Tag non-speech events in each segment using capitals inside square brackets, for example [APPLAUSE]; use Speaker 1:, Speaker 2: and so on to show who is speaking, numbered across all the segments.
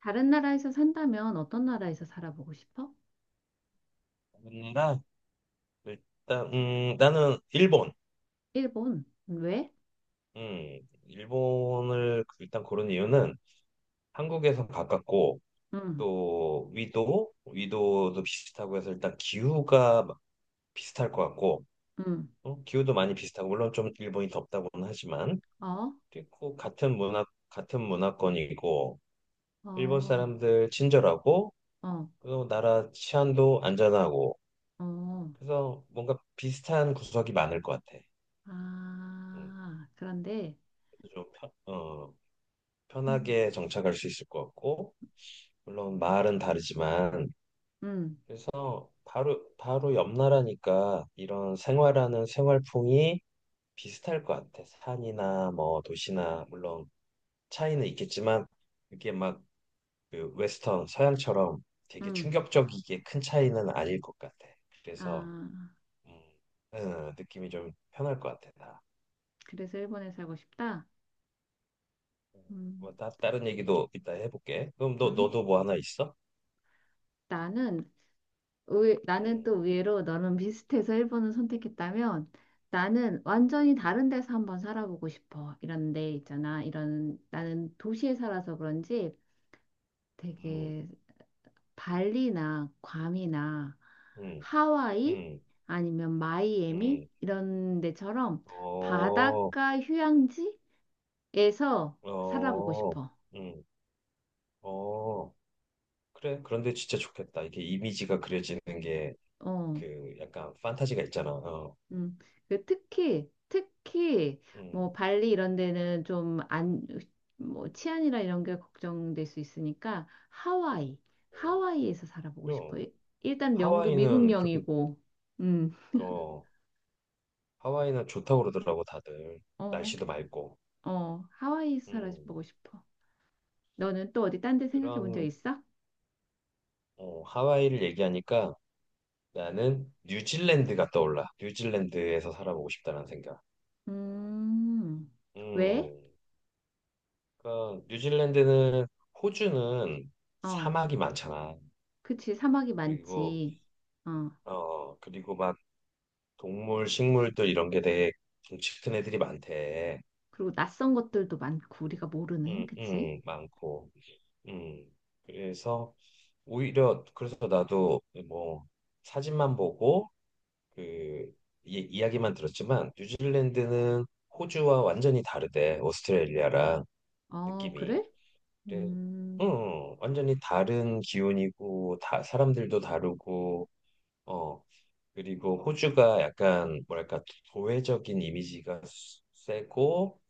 Speaker 1: 다른 나라에서 산다면 어떤 나라에서 살아보고 싶어?
Speaker 2: 맨날. 일단 나는 일본.
Speaker 1: 일본? 왜?
Speaker 2: 일본을 일단 고른 이유는 한국에서 가깝고
Speaker 1: 응,
Speaker 2: 또 위도도 비슷하고 해서 일단 기후가 막 비슷할 것 같고.
Speaker 1: 응.
Speaker 2: 기후도 많이 비슷하고 물론 좀 일본이 덥다고는 하지만
Speaker 1: 어,
Speaker 2: 그리고 같은 문화권이고 일본
Speaker 1: 어,
Speaker 2: 사람들 친절하고
Speaker 1: 어,
Speaker 2: 그리고 나라 치안도 안전하고
Speaker 1: 어.
Speaker 2: 그래서 뭔가 비슷한 구석이 많을 것 같아. 음,
Speaker 1: 아, 그런데,
Speaker 2: 그래서 좀 편, 어
Speaker 1: 음,
Speaker 2: 편하게 정착할 수 있을 것 같고, 물론 마을은 다르지만,
Speaker 1: 음,
Speaker 2: 그래서 바로 옆 나라니까 이런 생활하는 생활풍이 비슷할 것 같아. 산이나 뭐 도시나, 물론 차이는 있겠지만, 그게 막그 서양처럼 되게
Speaker 1: 음.
Speaker 2: 충격적이게 큰 차이는 아닐 것 같아. 그래서,
Speaker 1: 아,
Speaker 2: 음, 느낌이 좀 편할 것 같아, 나.
Speaker 1: 그래서 일본에 살고 싶다?
Speaker 2: 음, 뭐,
Speaker 1: 음,
Speaker 2: 다른 얘기도 이따 해볼게. 그럼
Speaker 1: 음.
Speaker 2: 너도 뭐 하나 있어?
Speaker 1: 나는, 나는
Speaker 2: 음,
Speaker 1: 또 의외로 너는 비슷해서 일본을 선택했다면 나는
Speaker 2: 음,
Speaker 1: 완전히 다른 데서 한번 살아보고 싶어. 이런 데 있잖아. 나는 도시에 살아서 그런지
Speaker 2: 음.
Speaker 1: 되게 발리나 괌이나
Speaker 2: 음.
Speaker 1: 하와이
Speaker 2: 음,
Speaker 1: 아니면 마이애미
Speaker 2: 음,
Speaker 1: 이런 데처럼
Speaker 2: 어,
Speaker 1: 바닷가 휴양지에서 살아보고
Speaker 2: 어,
Speaker 1: 싶어.
Speaker 2: 음, 어, 그래. 그런데 진짜 좋겠다. 이게 이미지가 그려지는 게
Speaker 1: 어,
Speaker 2: 약간 판타지가 있잖아. 어,
Speaker 1: 음. 특히
Speaker 2: 음,
Speaker 1: 뭐 발리 이런 데는 좀 안, 뭐 치안이나 이런 게 걱정될 수 있으니까 하와이,
Speaker 2: 어.
Speaker 1: 하와이에서 살아보고 싶어.
Speaker 2: 그럼
Speaker 1: 일단 영도 미국
Speaker 2: 하와이는 그렇게,
Speaker 1: 영이고, 음,
Speaker 2: 어, 하와이는 좋다고 그러더라고, 다들.
Speaker 1: 어,
Speaker 2: 날씨도 맑고.
Speaker 1: 어, 하와이에서
Speaker 2: 음,
Speaker 1: 살아보고 싶어. 너는 또 어디 딴 데 생각해 본 적
Speaker 2: 그런,
Speaker 1: 있어?
Speaker 2: 어, 하와이를 얘기하니까 나는 뉴질랜드가 떠올라. 뉴질랜드에서 살아보고 싶다는 생각.
Speaker 1: 음, 왜?
Speaker 2: 음. 그러니까 뉴질랜드는, 호주는
Speaker 1: 어,
Speaker 2: 사막이 많잖아.
Speaker 1: 그치. 사막이
Speaker 2: 그리고
Speaker 1: 많지. 어,
Speaker 2: 그리고 막 동물, 식물들 이런 게 되게 덩치 큰 애들이 많대.
Speaker 1: 그리고 낯선 것들도 많고, 우리가 모르는,
Speaker 2: 응,
Speaker 1: 그치?
Speaker 2: 응, 많고. 응. 그래서 오히려 그래서 나도 뭐 사진만 보고 그 이야기만 들었지만 뉴질랜드는 호주와 완전히 다르대. 오스트레일리아랑
Speaker 1: 어,
Speaker 2: 느낌이.
Speaker 1: 그래?
Speaker 2: 그래. 응,
Speaker 1: 음,
Speaker 2: 응. 완전히 다른 기온이고, 다, 사람들도 다르고, 어, 그리고 호주가 약간, 뭐랄까, 도회적인 세고,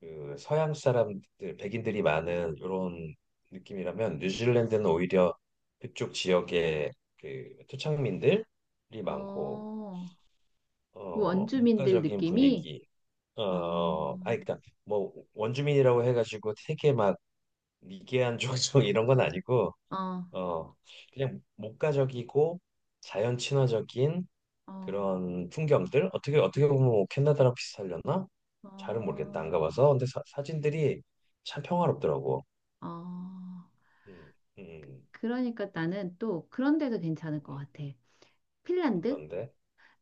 Speaker 2: 서양 사람들, 백인들이 많은 이런 느낌이라면, 뉴질랜드는 오히려 그쪽 지역에 토착민들이 많고,
Speaker 1: 어, 그
Speaker 2: 어,
Speaker 1: 원주민들
Speaker 2: 문화적인
Speaker 1: 느낌이?
Speaker 2: 분위기, 어, 아,
Speaker 1: 어,
Speaker 2: 그니까, 뭐, 원주민이라고 해가지고 되게 막 미개한 [LAUGHS] 종족 이런 건 아니고,
Speaker 1: 어,
Speaker 2: 어, 그냥 목가적이고 자연 친화적인
Speaker 1: 어,
Speaker 2: 그런 풍경들. 어떻게 보면 뭐 캐나다랑 비슷하려나? 잘은 모르겠다.
Speaker 1: 어,
Speaker 2: 안 가봐서. 근데 사진들이 참 평화롭더라고.
Speaker 1: 어.
Speaker 2: 음, 음,
Speaker 1: 그러니까 나는 또 그런 데도 괜찮을 것
Speaker 2: 네,
Speaker 1: 같아. 핀란드?
Speaker 2: 어떤데?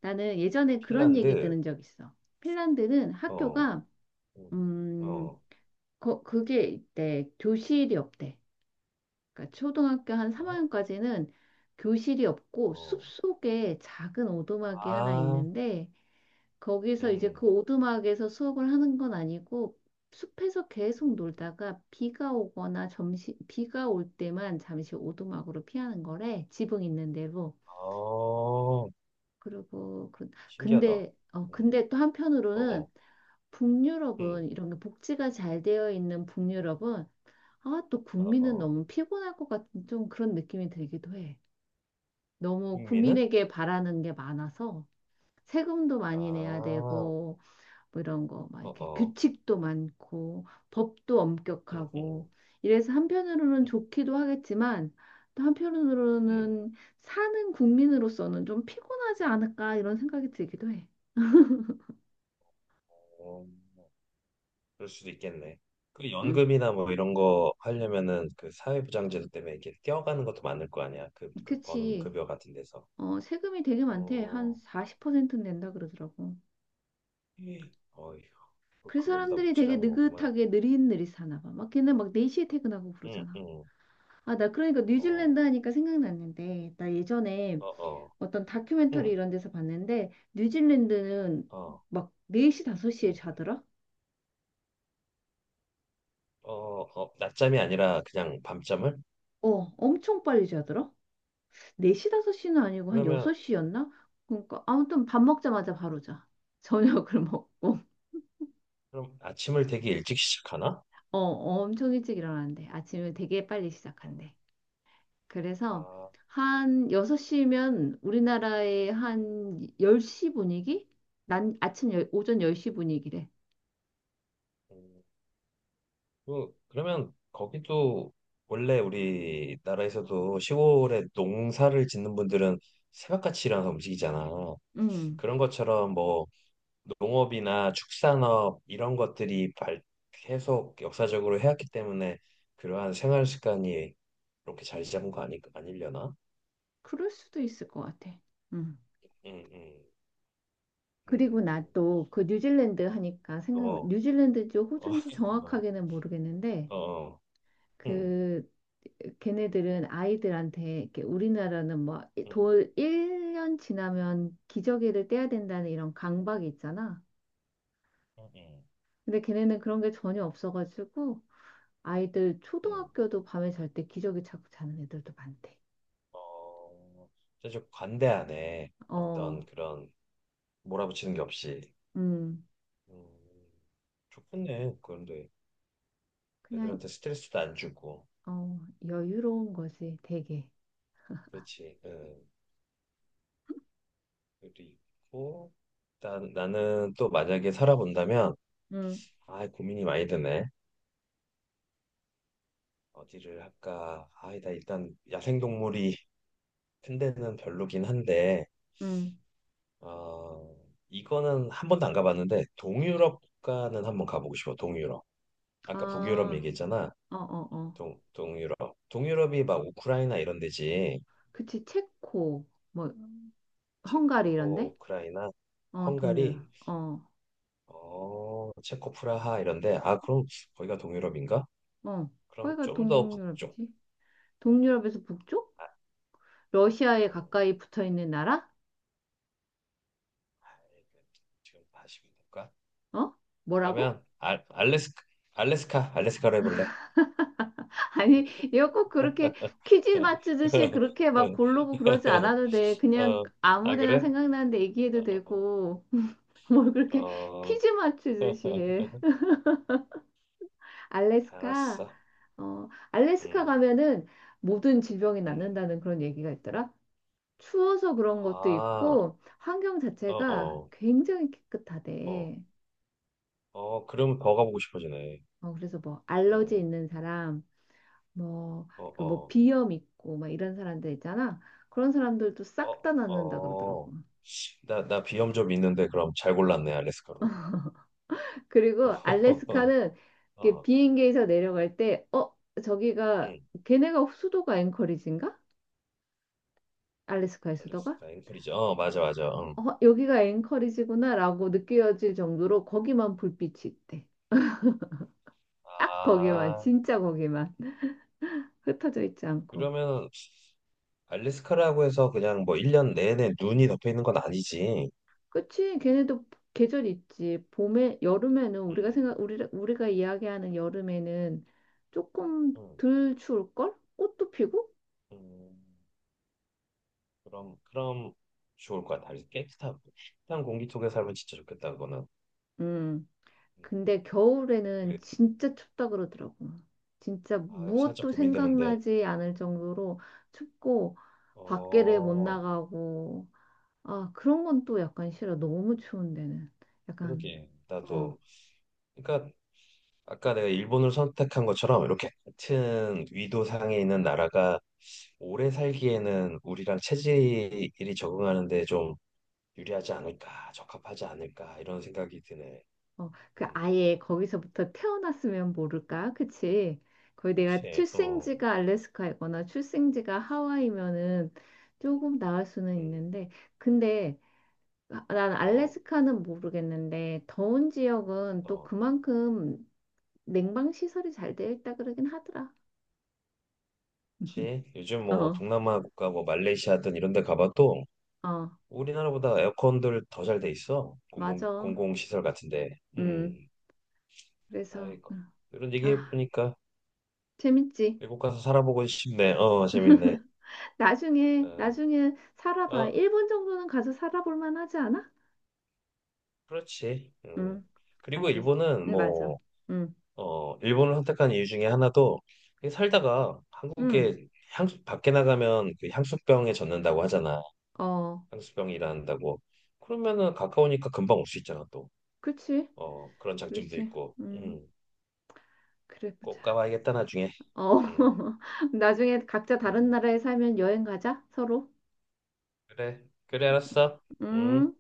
Speaker 1: 나는 예전에 그런 얘기
Speaker 2: 핀란드.
Speaker 1: 들은 적 있어. 핀란드는
Speaker 2: 어,
Speaker 1: 학교가,
Speaker 2: 음,
Speaker 1: 음,
Speaker 2: 어,
Speaker 1: 그게 있대. 교실이 없대. 그러니까 초등학교 한
Speaker 2: 어,
Speaker 1: 3학년까지는 교실이 없고
Speaker 2: 어.
Speaker 1: 숲속에 작은 오두막이 하나
Speaker 2: 아,
Speaker 1: 있는데 거기서 이제 그
Speaker 2: 음,
Speaker 1: 오두막에서 수업을 하는 건 아니고 숲에서 계속
Speaker 2: 음.
Speaker 1: 놀다가 비가 오거나 점심 비가 올 때만 잠시 오두막으로 피하는 거래. 지붕 있는 데로
Speaker 2: 어,
Speaker 1: 그리고 그-
Speaker 2: 신기하다.
Speaker 1: 근데 어
Speaker 2: 음,
Speaker 1: 근데 또
Speaker 2: 어,
Speaker 1: 한편으로는
Speaker 2: 어, 음,
Speaker 1: 북유럽은 이런 게 복지가 잘 되어 있는 북유럽은 아, 또
Speaker 2: 어,
Speaker 1: 국민은
Speaker 2: 어.
Speaker 1: 너무 피곤할 것 같은 좀 그런 느낌이 들기도 해. 너무
Speaker 2: 흥미는?
Speaker 1: 국민에게 바라는 게 많아서 세금도
Speaker 2: 아,
Speaker 1: 많이 내야
Speaker 2: 어,
Speaker 1: 되고 뭐 이런 거 막 이렇게
Speaker 2: 어,
Speaker 1: 규칙도 많고 법도
Speaker 2: 음, 음.
Speaker 1: 엄격하고 이래서 한편으로는
Speaker 2: 음.
Speaker 1: 좋기도 하겠지만 또
Speaker 2: 음,
Speaker 1: 한편으로는 사는 국민으로서는 좀 피곤하지 않을까 이런 생각이 들기도 해.
Speaker 2: 어, 그럴 수도 있겠네. 그
Speaker 1: 응,
Speaker 2: 연금이나 뭐 이런 거 하려면은 그 사회보장제도 때문에 이렇게 뛰어가는 것도 많을 거 아니야. 그 버는
Speaker 1: 그치.
Speaker 2: 급여 같은 데서.
Speaker 1: 어, 세금이 되게 많대. 한
Speaker 2: 어,
Speaker 1: 40% 낸다 그러더라고.
Speaker 2: 예. 어휴,
Speaker 1: 그
Speaker 2: 그걸로 다
Speaker 1: 사람들이 되게
Speaker 2: 묵지라는 거구만.
Speaker 1: 느긋하게 느릿느릿 사나 봐. 막 걔는 막 4시에 퇴근하고
Speaker 2: 응,
Speaker 1: 그러잖아.
Speaker 2: 응,
Speaker 1: 아, 나 그러니까 뉴질랜드
Speaker 2: 어,
Speaker 1: 하니까 생각났는데, 나 예전에
Speaker 2: 어, 어,
Speaker 1: 어떤 다큐멘터리
Speaker 2: 응,
Speaker 1: 이런 데서 봤는데, 뉴질랜드는
Speaker 2: 어,
Speaker 1: 막 4시, 5시에
Speaker 2: 응,
Speaker 1: 자더라?
Speaker 2: 어, 어, 낮잠이 아니라 그냥 밤잠을?
Speaker 1: 어, 엄청 빨리 자더라? 4시, 5시는 아니고 한
Speaker 2: 그러면,
Speaker 1: 6시였나? 그러니까 아무튼 밥 먹자마자 바로 자. 저녁을 [LAUGHS] 먹고.
Speaker 2: 그럼 아침을 되게 일찍 [LAUGHS] 시작하나?
Speaker 1: 어, 엄청 일찍 일어나는데 아침을 되게 빨리
Speaker 2: 아,
Speaker 1: 시작한대. 그래서
Speaker 2: 아,
Speaker 1: 한 6시면 우리나라의 한 10시 분위기? 난 아침 오전 10시 분위기래.
Speaker 2: 음. 그, 그러면 거기도 원래 우리나라에서도 시골에 농사를 짓는 분들은 새벽같이 일어나서 움직이잖아.
Speaker 1: 음.
Speaker 2: 그런 것처럼 뭐 농업이나 축산업 이런 것들이 계속 역사적으로 해왔기 때문에 그러한 생활 습관이 이렇게 자리 잡은 거 아니, 아니려나?
Speaker 1: 그럴 수도 있을 것 같아. 음.
Speaker 2: 응, 응,
Speaker 1: 그리고 나
Speaker 2: 응,
Speaker 1: 또 그 뉴질랜드 하니까 생각
Speaker 2: 어,
Speaker 1: 뉴질랜드인지
Speaker 2: 어,
Speaker 1: 호주인지
Speaker 2: [LAUGHS]
Speaker 1: 정확하게는 모르겠는데
Speaker 2: 어, 어, 응,
Speaker 1: 그 걔네들은 아이들한테 이렇게 우리나라는
Speaker 2: 응,
Speaker 1: 뭐돌 1년 지나면 기저귀를 떼야 된다는 이런 강박이 있잖아.
Speaker 2: 응, 응.
Speaker 1: 근데 걔네는 그런 게 전혀 없어가지고 아이들
Speaker 2: 응.
Speaker 1: 초등학교도 밤에 잘 때 기저귀 차고 자는 애들도 많대.
Speaker 2: 어, 사실 관대하네.
Speaker 1: 어,
Speaker 2: 어떤 그런 몰아붙이는 게 없이.
Speaker 1: 음,
Speaker 2: 음, 좋겠네. 그런데
Speaker 1: 그냥
Speaker 2: 애들한테 스트레스도 안 주고.
Speaker 1: 어 여유로운 거지 되게.
Speaker 2: 그렇지. 그리고 일단 나는 또 만약에 살아본다면
Speaker 1: 음,
Speaker 2: 아, 고민이 많이 드네. 어디를 할까? 아, 나 일단 야생동물이 큰 데는 별로긴 한데
Speaker 1: 음,
Speaker 2: 어, 이거는 한 번도 안 가봤는데 동유럽 국가는 한 번 가보고 싶어. 동유럽. 아까 북유럽
Speaker 1: 아,
Speaker 2: 얘기했잖아.
Speaker 1: 어, 어, 어,
Speaker 2: 동유럽. 동유럽이 막 우크라이나 이런 데지.
Speaker 1: 그치. 체코 뭐 헝가리
Speaker 2: 체코,
Speaker 1: 이런데?
Speaker 2: 우크라이나,
Speaker 1: 어, 동유럽.
Speaker 2: 헝가리,
Speaker 1: 어,
Speaker 2: 어, 체코 프라하 이런 데. 아, 그럼 거기가 동유럽인가?
Speaker 1: 어,
Speaker 2: 그럼
Speaker 1: 거기가
Speaker 2: 좀 더 북쪽.
Speaker 1: 동유럽이지? 동유럽에서 북쪽?
Speaker 2: 아, 음,
Speaker 1: 러시아에 가까이 붙어 있는 나라?
Speaker 2: 지금 다시 볼까?
Speaker 1: 어? 뭐라고?
Speaker 2: 그러면 알래스카, 알래스카로 해볼래?
Speaker 1: 아니, 이거 꼭 그렇게 퀴즈 맞추듯이
Speaker 2: [LAUGHS]
Speaker 1: 그렇게 막 고르고 그러지 않아도 돼. 그냥
Speaker 2: 어,
Speaker 1: 아무
Speaker 2: 아,
Speaker 1: 데나
Speaker 2: 그래?
Speaker 1: 생각나는데 얘기해도
Speaker 2: 어,
Speaker 1: 되고, [LAUGHS] 뭘 그렇게
Speaker 2: 어,
Speaker 1: 퀴즈 맞추듯이
Speaker 2: [LAUGHS]
Speaker 1: 해. 알래스카,
Speaker 2: 알았어.
Speaker 1: 어, 알래스카
Speaker 2: 음,
Speaker 1: 가면은 모든 질병이
Speaker 2: 음.
Speaker 1: 낫는다는 그런 얘기가 있더라. 추워서 그런 것도
Speaker 2: 아,
Speaker 1: 있고, 환경
Speaker 2: 어,
Speaker 1: 자체가
Speaker 2: 어,
Speaker 1: 굉장히
Speaker 2: 어.
Speaker 1: 깨끗하대.
Speaker 2: 어, 그러면 더 가보고 싶어지네.
Speaker 1: 어, 그래서 뭐, 알러지
Speaker 2: 어,
Speaker 1: 있는 사람, 뭐,
Speaker 2: 어,
Speaker 1: 그 뭐
Speaker 2: 어,
Speaker 1: 비염 있고 막 이런 사람들 있잖아. 그런 사람들도 싹 다
Speaker 2: 어,
Speaker 1: 낫는다
Speaker 2: 어.
Speaker 1: 그러더라고.
Speaker 2: 나, 나 비염 좀 있는데, 그럼 잘 골랐네, 알래스카로.
Speaker 1: [LAUGHS] 그리고
Speaker 2: [LAUGHS]
Speaker 1: 알래스카는 이렇게
Speaker 2: 어,
Speaker 1: 비행기에서 내려갈 때, 어, 저기가
Speaker 2: 응,
Speaker 1: 걔네가 수도가 앵커리지인가? 알래스카의 수도가?
Speaker 2: 알래스카, 앵커리지. 어, 맞아, 맞아. 응.
Speaker 1: 어, 여기가 앵커리지구나라고 느껴질 정도로 거기만 불빛이 있대. 딱 거기만,
Speaker 2: 아,
Speaker 1: 진짜 거기만 흩어져 있지 않고.
Speaker 2: 그러면 알래스카라고 해서 그냥 뭐 1년 내내 눈이 덮여 있는 건 아니지.
Speaker 1: 그치? 걔네도 계절 있지. 봄에, 여름에는 우리가
Speaker 2: 응,
Speaker 1: 생각, 우리, 우리가 이야기하는 여름에는 조금
Speaker 2: 응,
Speaker 1: 덜 추울걸? 꽃도 피고?
Speaker 2: 응. 그럼, 그럼 좋을 것 같아. 깨끗한, 깨끗한 공기 속에 살면 진짜 좋겠다, 그거는.
Speaker 1: 음.
Speaker 2: 음,
Speaker 1: 근데
Speaker 2: 그래.
Speaker 1: 겨울에는 진짜 춥다 그러더라고. 진짜
Speaker 2: 아, 살짝
Speaker 1: 무엇도
Speaker 2: 고민되는데.
Speaker 1: 생각나지 않을 정도로 춥고, 밖에를 못
Speaker 2: 어,
Speaker 1: 나가고, 아, 그런 건 또 약간 싫어. 너무 추운 데는. 약간,
Speaker 2: 그러게.
Speaker 1: 어.
Speaker 2: 나도. 그러니까 아까 내가 일본을 선택한 것처럼 이렇게 같은 위도상에 있는 나라가 오래 살기에는 우리랑 체질이 적응하는데 좀 유리하지 않을까, 적합하지 않을까 이런 생각이 드네.
Speaker 1: 어, 그
Speaker 2: 음,
Speaker 1: 아예 거기서부터 태어났으면 모를까? 그치? 거의 내가
Speaker 2: 그렇지. 어,
Speaker 1: 출생지가 알래스카이거나 출생지가 하와이면은 조금 나을 수는
Speaker 2: 음,
Speaker 1: 있는데, 근데 아, 난
Speaker 2: 어,
Speaker 1: 알래스카는 모르겠는데, 더운 지역은 또
Speaker 2: 어.
Speaker 1: 그만큼 냉방 시설이 잘 되어 있다 그러긴 하더라. [LAUGHS]
Speaker 2: 그치? 요즘 뭐
Speaker 1: 어,
Speaker 2: 동남아 국가 뭐 말레이시아든 이런 데 가봐도
Speaker 1: 어,
Speaker 2: 우리나라보다 에어컨들 더 잘 돼 있어.
Speaker 1: 맞아.
Speaker 2: 공공시설 같은데.
Speaker 1: 음,
Speaker 2: 음.
Speaker 1: 그래서,
Speaker 2: 아이고. 이런 얘기
Speaker 1: 아,
Speaker 2: 해보니까
Speaker 1: 재밌지?
Speaker 2: 미국 가서 살아보고 싶네. 어, 재밌네.
Speaker 1: [LAUGHS] 나중에,
Speaker 2: 어,
Speaker 1: 나중에 살아봐.
Speaker 2: 어,
Speaker 1: 일본 정도는 가서 살아볼 만하지 않아?
Speaker 2: 그렇지. 음.
Speaker 1: 음,
Speaker 2: 그리고
Speaker 1: 알겠어.
Speaker 2: 일본은
Speaker 1: 맞아.
Speaker 2: 뭐,
Speaker 1: 음,
Speaker 2: 어, 일본을 선택한 이유 중에 하나도 그냥 살다가
Speaker 1: 음,
Speaker 2: 한국에 향수, 밖에 나가면 그 향수병에 젖는다고 하잖아.
Speaker 1: 어,
Speaker 2: 향수병이 일어난다고. 그러면은 가까우니까 금방 올 수 있잖아, 또.
Speaker 1: 그렇지,
Speaker 2: 어, 그런 장점도
Speaker 1: 그렇지.
Speaker 2: 있고.
Speaker 1: 음, 그래 보자.
Speaker 2: 꼭 가봐야겠다, 나중에.
Speaker 1: 어,
Speaker 2: 음,
Speaker 1: [LAUGHS] 나중에 각자 다른
Speaker 2: 음.
Speaker 1: 나라에 살면 여행 가자, 서로.
Speaker 2: 그래, 그래, 알았어. 음.
Speaker 1: 음.